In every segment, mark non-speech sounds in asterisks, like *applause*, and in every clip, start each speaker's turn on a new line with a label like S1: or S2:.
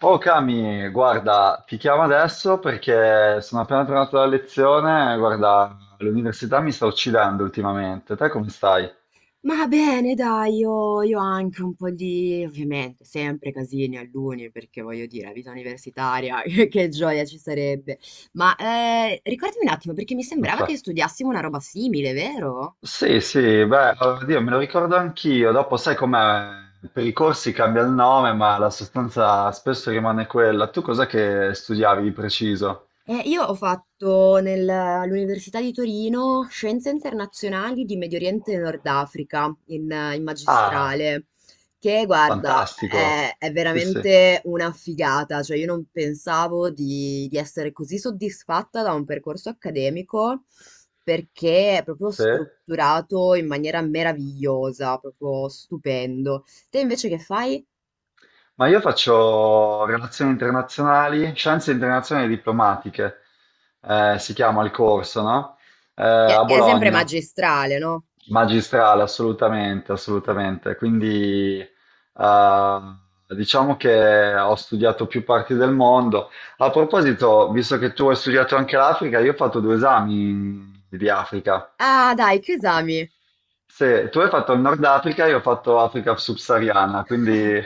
S1: Oh Cami, guarda, ti chiamo adesso perché sono appena tornato dalla lezione, guarda, l'università mi sta uccidendo ultimamente. Te come stai?
S2: Ma bene, dai, io anche un po' di, ovviamente, sempre casini all'uni, perché voglio dire, la vita universitaria, *laughs* che gioia ci sarebbe. Ma ricordami un attimo, perché mi sembrava che
S1: Fa-
S2: studiassimo una roba simile, vero?
S1: Sì, sì, beh, oddio, me lo ricordo anch'io. Dopo sai com'è? Per i corsi cambia il nome, ma la sostanza spesso rimane quella. Tu cos'è che studiavi di preciso?
S2: Io ho fatto all'Università di Torino Scienze Internazionali di Medio Oriente e Nord Africa in
S1: Ah,
S2: magistrale, che guarda,
S1: fantastico.
S2: è
S1: Sì, sì.
S2: veramente una figata, cioè io non pensavo di essere così soddisfatta da un percorso accademico perché è proprio
S1: Sì?
S2: strutturato in maniera meravigliosa, proprio stupendo. Te invece che fai?
S1: Ma io faccio relazioni internazionali, scienze internazionali e diplomatiche, si chiama il corso, no? A
S2: Che è sempre
S1: Bologna,
S2: magistrale, no?
S1: magistrale, assolutamente,
S2: Cioè,
S1: assolutamente. Quindi diciamo che ho studiato più parti del mondo. A proposito, visto che tu hai studiato anche l'Africa, io ho fatto due esami di Africa.
S2: ah, dai, che esami?
S1: Se tu hai fatto il Nord Africa, io ho fatto Africa subsahariana, quindi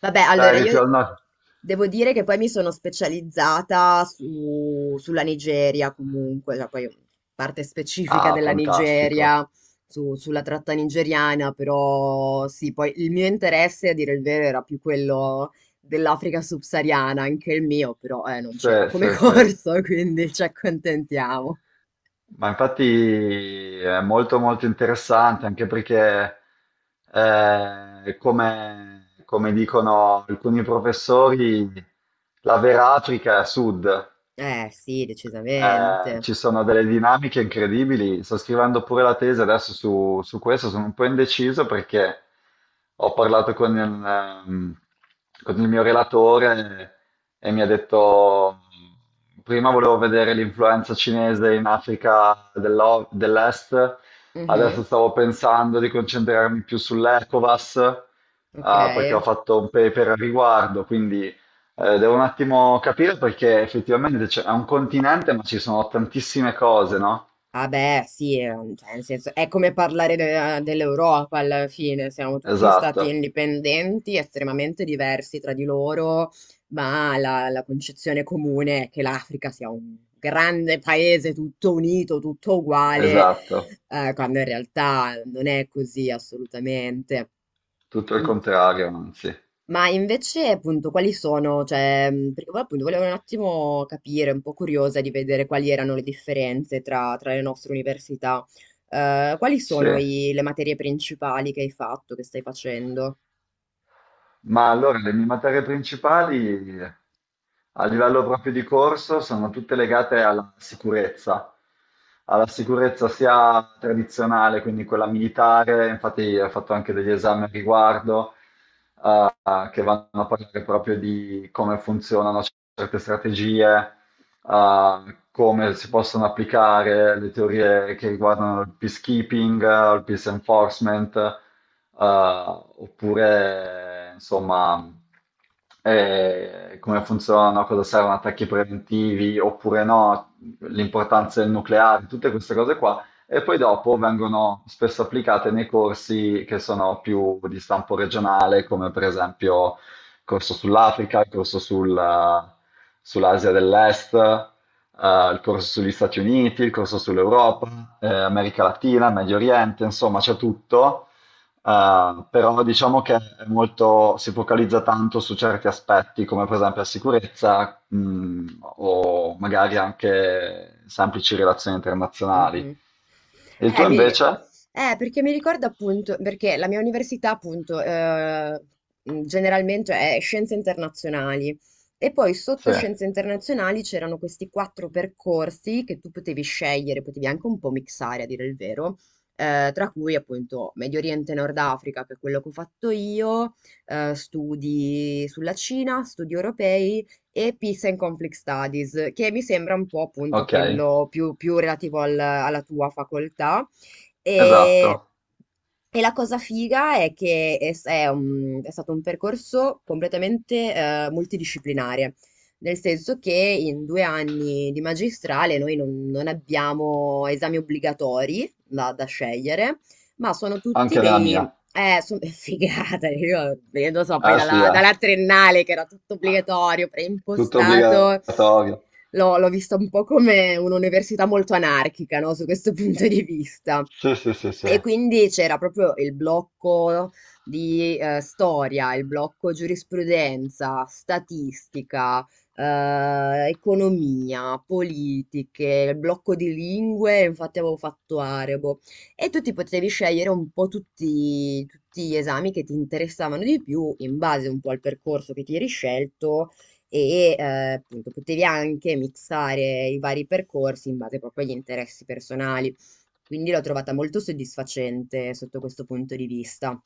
S2: Vabbè,
S1: dai,
S2: allora
S1: eri
S2: io
S1: più al nord.
S2: devo dire che poi mi sono specializzata sulla Nigeria comunque, cioè poi parte specifica
S1: Ah,
S2: della
S1: fantastico.
S2: Nigeria, sulla tratta nigeriana, però sì, poi il mio interesse, a dire il vero, era più quello dell'Africa subsahariana, anche il mio, però non
S1: Sì,
S2: c'era come *laughs*
S1: sì, sì.
S2: corso, quindi ci accontentiamo.
S1: Ma infatti è molto molto interessante anche perché, come dicono alcuni professori, la vera Africa è a sud.
S2: Eh sì, decisamente.
S1: Ci sono delle dinamiche incredibili. Sto scrivendo pure la tesi adesso su questo, sono un po' indeciso perché ho parlato ehm, con il mio relatore e mi ha detto, prima volevo vedere l'influenza cinese in Africa dell'Est, adesso
S2: Mhm,
S1: stavo pensando di concentrarmi più sull'ECOWAS,
S2: ok.
S1: perché ho fatto un paper a riguardo, quindi. Devo un attimo capire perché effettivamente è un continente, ma ci sono tantissime cose, no?
S2: Vabbè, sì, cioè, nel senso, è come parlare dell'Europa alla fine, siamo tutti
S1: Esatto,
S2: stati indipendenti, estremamente diversi tra di loro, ma la concezione comune è che l'Africa sia un grande paese tutto unito, tutto uguale,
S1: esatto,
S2: quando in realtà non è così assolutamente.
S1: tutto il contrario, anzi.
S2: Ma invece, appunto, quali sono, cioè, perché poi, appunto volevo un attimo capire, un po' curiosa di vedere quali erano le differenze tra, tra le nostre università. Quali
S1: Sì,
S2: sono le materie principali che hai fatto, che stai facendo?
S1: ma allora le mie materie principali a livello proprio di corso sono tutte legate alla sicurezza sia tradizionale, quindi quella militare, infatti ho fatto anche degli esami a riguardo che vanno a parlare proprio di come funzionano certe strategie, come si possono applicare le teorie che riguardano il peacekeeping, il peace enforcement, oppure insomma come funzionano, a cosa servono attacchi preventivi oppure no, l'importanza del nucleare, tutte queste cose qua, e poi dopo vengono spesso applicate nei corsi che sono più di stampo regionale, come per esempio il corso sull'Africa, il corso sull'Asia dell'Est, il corso sugli Stati Uniti, il corso sull'Europa, America Latina, Medio Oriente, insomma c'è tutto, però diciamo che è molto, si focalizza tanto su certi aspetti, come per esempio la sicurezza, o magari anche semplici relazioni internazionali.
S2: Mh-mh.
S1: E il tuo
S2: Mi
S1: invece?
S2: perché mi ricorda appunto perché la mia università appunto, generalmente è scienze internazionali e poi
S1: Sì.
S2: sotto scienze internazionali c'erano questi 4 percorsi che tu potevi scegliere, potevi anche un po' mixare a dire il vero, tra cui appunto Medio Oriente e Nord Africa, che è quello che ho fatto io, studi sulla Cina, studi europei e Peace and Conflict Studies, che mi sembra un po' appunto
S1: Ok,
S2: quello più, più relativo alla tua facoltà.
S1: esatto.
S2: E, e la cosa figa è che è stato un percorso completamente multidisciplinare, nel senso che in due anni di magistrale noi non, non abbiamo esami obbligatori da scegliere ma sono tutti
S1: Anche nella
S2: dei
S1: mia.
S2: sono *laughs* figata, io lo so, poi
S1: Eh sì, eh.
S2: dalla triennale che era tutto obbligatorio,
S1: Tutto
S2: preimpostato
S1: obbligatorio.
S2: l'ho vista un po' come un'università molto anarchica, no, su questo *laughs* punto di vista.
S1: Sì, sì, sì, sì.
S2: E quindi c'era proprio il blocco di storia, il blocco giurisprudenza, statistica, economia, politiche, il blocco di lingue, infatti avevo fatto arabo. E tu ti potevi scegliere un po' tutti gli esami che ti interessavano di più in base un po' al percorso che ti eri scelto e appunto potevi anche mixare i vari percorsi in base proprio agli interessi personali. Quindi l'ho trovata molto soddisfacente sotto questo punto di vista.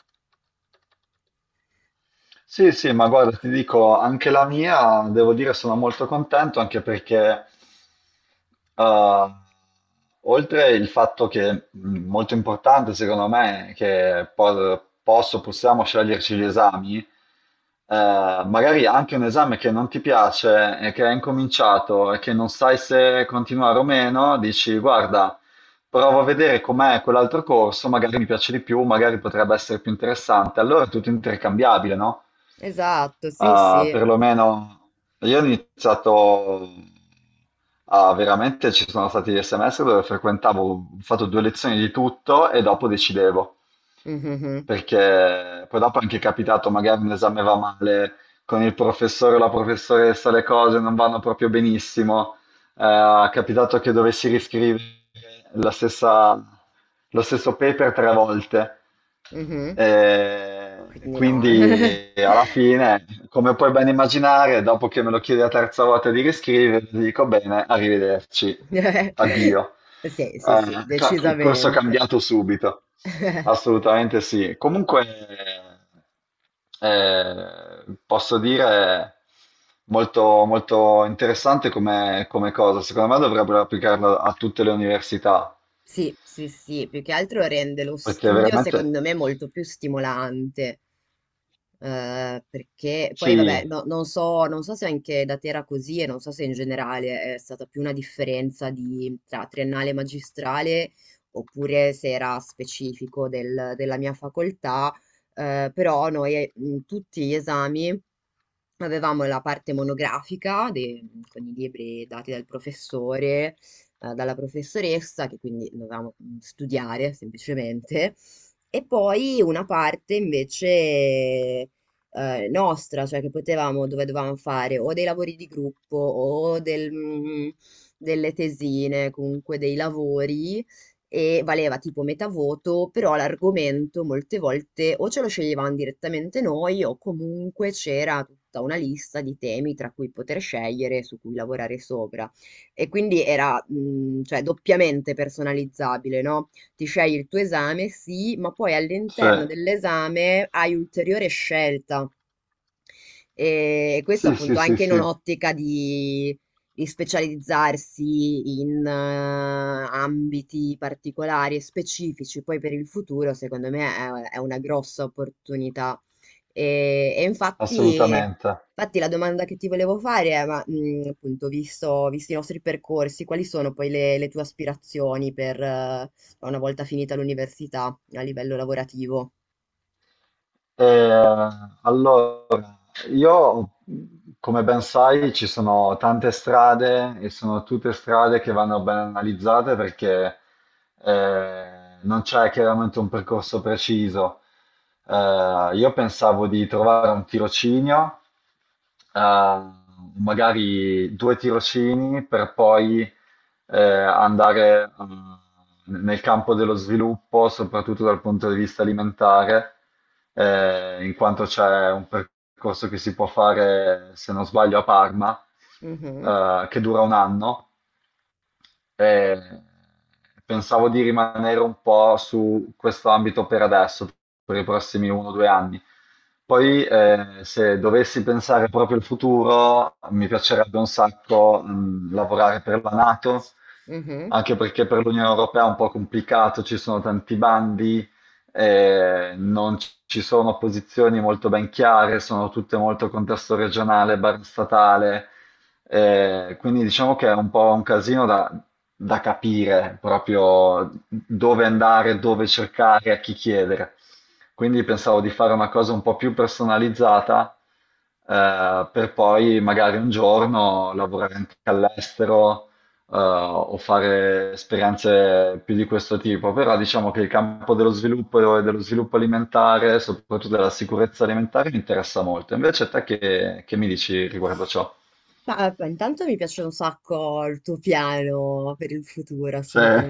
S1: Sì, sì, ma guarda, ti dico, anche la mia, devo dire, sono molto contento, anche perché, eh, oltre il fatto che, molto importante secondo me, che possiamo sceglierci gli esami, magari anche un esame che non ti piace e che è incominciato e che non sai se continuare o meno, dici, guarda, provo a vedere com'è quell'altro corso, magari mi piace di più, magari potrebbe essere più interessante. Allora è tutto intercambiabile, no?
S2: Esatto, sì,
S1: Ah,
S2: sì.
S1: perlomeno io ho iniziato a veramente, ci sono stati dei semestri dove frequentavo, ho fatto due lezioni di tutto e dopo decidevo,
S2: Mhm,
S1: perché poi dopo è anche capitato, magari un esame va male con il professore o la professoressa, le cose non vanno proprio benissimo, è capitato che dovessi riscrivere la stessa, lo stesso paper tre volte.
S2: mhm. Quindi no.
S1: Quindi alla fine, come puoi ben immaginare, dopo che me lo chiedi la terza volta di riscrivere, ti dico bene, arrivederci,
S2: *laughs*
S1: addio.
S2: Sì, sì, sì,
S1: Corso
S2: decisamente.
S1: cambiato subito.
S2: *laughs*
S1: Assolutamente sì. Comunque posso dire molto, molto interessante come, come cosa. Secondo me dovrebbero applicarlo a tutte le università,
S2: Sì, sì, sì, più che altro rende lo
S1: perché
S2: studio
S1: veramente
S2: secondo me molto più stimolante. Perché poi vabbè,
S1: sì,
S2: non so, non so se anche da te era così e non so se in generale è stata più una differenza di, tra triennale e magistrale oppure se era specifico della mia facoltà, però noi in tutti gli esami avevamo la parte monografica con i libri dati dal professore, dalla professoressa, che quindi dovevamo studiare semplicemente, e poi una parte invece nostra, cioè che potevamo, dove dovevamo fare o dei lavori di gruppo o del, delle tesine, comunque dei lavori e valeva tipo metà voto, però l'argomento molte volte o ce lo sceglievamo direttamente noi o comunque c'era tutta una lista di temi tra cui poter scegliere, su cui lavorare sopra. E quindi era, cioè, doppiamente personalizzabile, no? Ti scegli il tuo esame, sì, ma poi
S1: sì,
S2: all'interno dell'esame hai ulteriore scelta. E questo
S1: sì, sì,
S2: appunto
S1: sì,
S2: anche in
S1: sì,
S2: un'ottica di specializzarsi in ambiti particolari e specifici, poi per il futuro, secondo me è una grossa opportunità. E
S1: assolutamente.
S2: infatti la domanda che ti volevo fare è, ma, appunto, visti i nostri percorsi, quali sono poi le tue aspirazioni per, una volta finita l'università a livello lavorativo?
S1: Eh, allora. Io, come ben sai, ci sono tante strade e sono tutte strade che vanno ben analizzate perché eh, non c'è chiaramente un percorso preciso. Io pensavo di trovare un tirocinio a magari due tirocini per poi andare nel campo dello sviluppo, soprattutto dal punto di vista alimentare, in quanto c'è un percorso che si può fare, se non sbaglio, a Parma,
S2: Mhm,
S1: che dura un anno, eh, pensavo di rimanere un po' su questo ambito per adesso, per i prossimi 1 o 2 anni. Poi, se dovessi pensare proprio al futuro, mi piacerebbe un sacco, lavorare per la NATO,
S2: mhm.
S1: anche perché per l'Unione Europea è un po' complicato, ci sono tanti bandi, non ci sono posizioni molto ben chiare, sono tutte molto contesto regionale, bar statale. Quindi diciamo che è un po' un casino da capire proprio dove andare, dove cercare, a chi chiedere. Quindi pensavo di fare una cosa un po' più personalizzata, per poi magari un giorno lavorare anche all'estero, o fare esperienze più di questo tipo. Però diciamo che il campo dello sviluppo e dello sviluppo alimentare, soprattutto della sicurezza alimentare, mi interessa molto. Invece te che mi dici riguardo ciò?
S2: Ma beh, intanto mi piace un sacco il tuo piano per il futuro,
S1: Sì,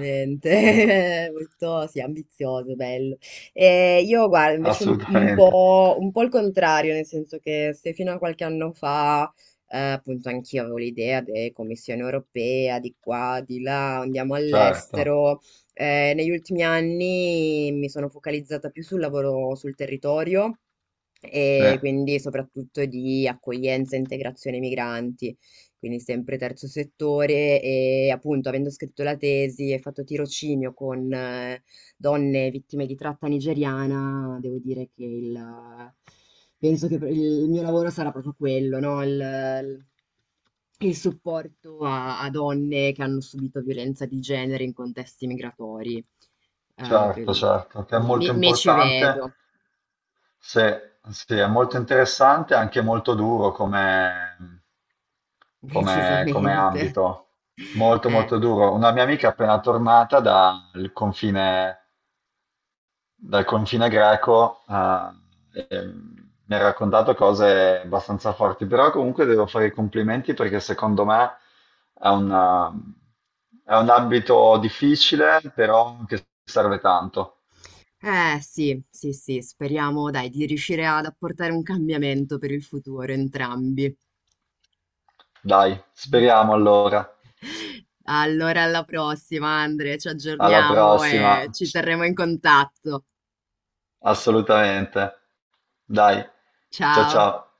S1: *laughs*
S2: *laughs* Molto, sì, ambizioso, bello. E io guardo invece
S1: assolutamente,
S2: un po' il contrario, nel senso che se fino a qualche anno fa, appunto, anch'io avevo l'idea di Commissione europea, di qua, di là, andiamo
S1: certo,
S2: all'estero. Eh, negli ultimi anni mi sono focalizzata più sul lavoro sul territorio
S1: sì,
S2: e quindi soprattutto di accoglienza e integrazione migranti, quindi sempre terzo settore e appunto avendo scritto la tesi e fatto tirocinio con donne vittime di tratta nigeriana, devo dire che penso che il mio lavoro sarà proprio quello, no? Il supporto a, a donne che hanno subito violenza di genere in contesti migratori. Eh,
S1: certo,
S2: pen-
S1: certo, che è molto
S2: mi ci
S1: importante,
S2: vedo,
S1: sì, sì, è molto interessante e anche molto duro come,
S2: *laughs*
S1: come, come
S2: decisamente.
S1: ambito, molto
S2: Eh,
S1: molto duro. Una mia amica appena tornata dal confine greco, mi ha raccontato cose abbastanza forti, però comunque devo fare i complimenti perché secondo me è una- è un ambito difficile, però che serve tanto.
S2: sì, sì, sì, speriamo, dai, di riuscire ad apportare un cambiamento per il futuro entrambi.
S1: Dai, speriamo allora.
S2: Allora, alla prossima, Andre, ci
S1: Alla
S2: aggiorniamo e
S1: prossima.
S2: ci terremo in contatto.
S1: Assolutamente. Dai, ciao
S2: Ciao.
S1: ciao.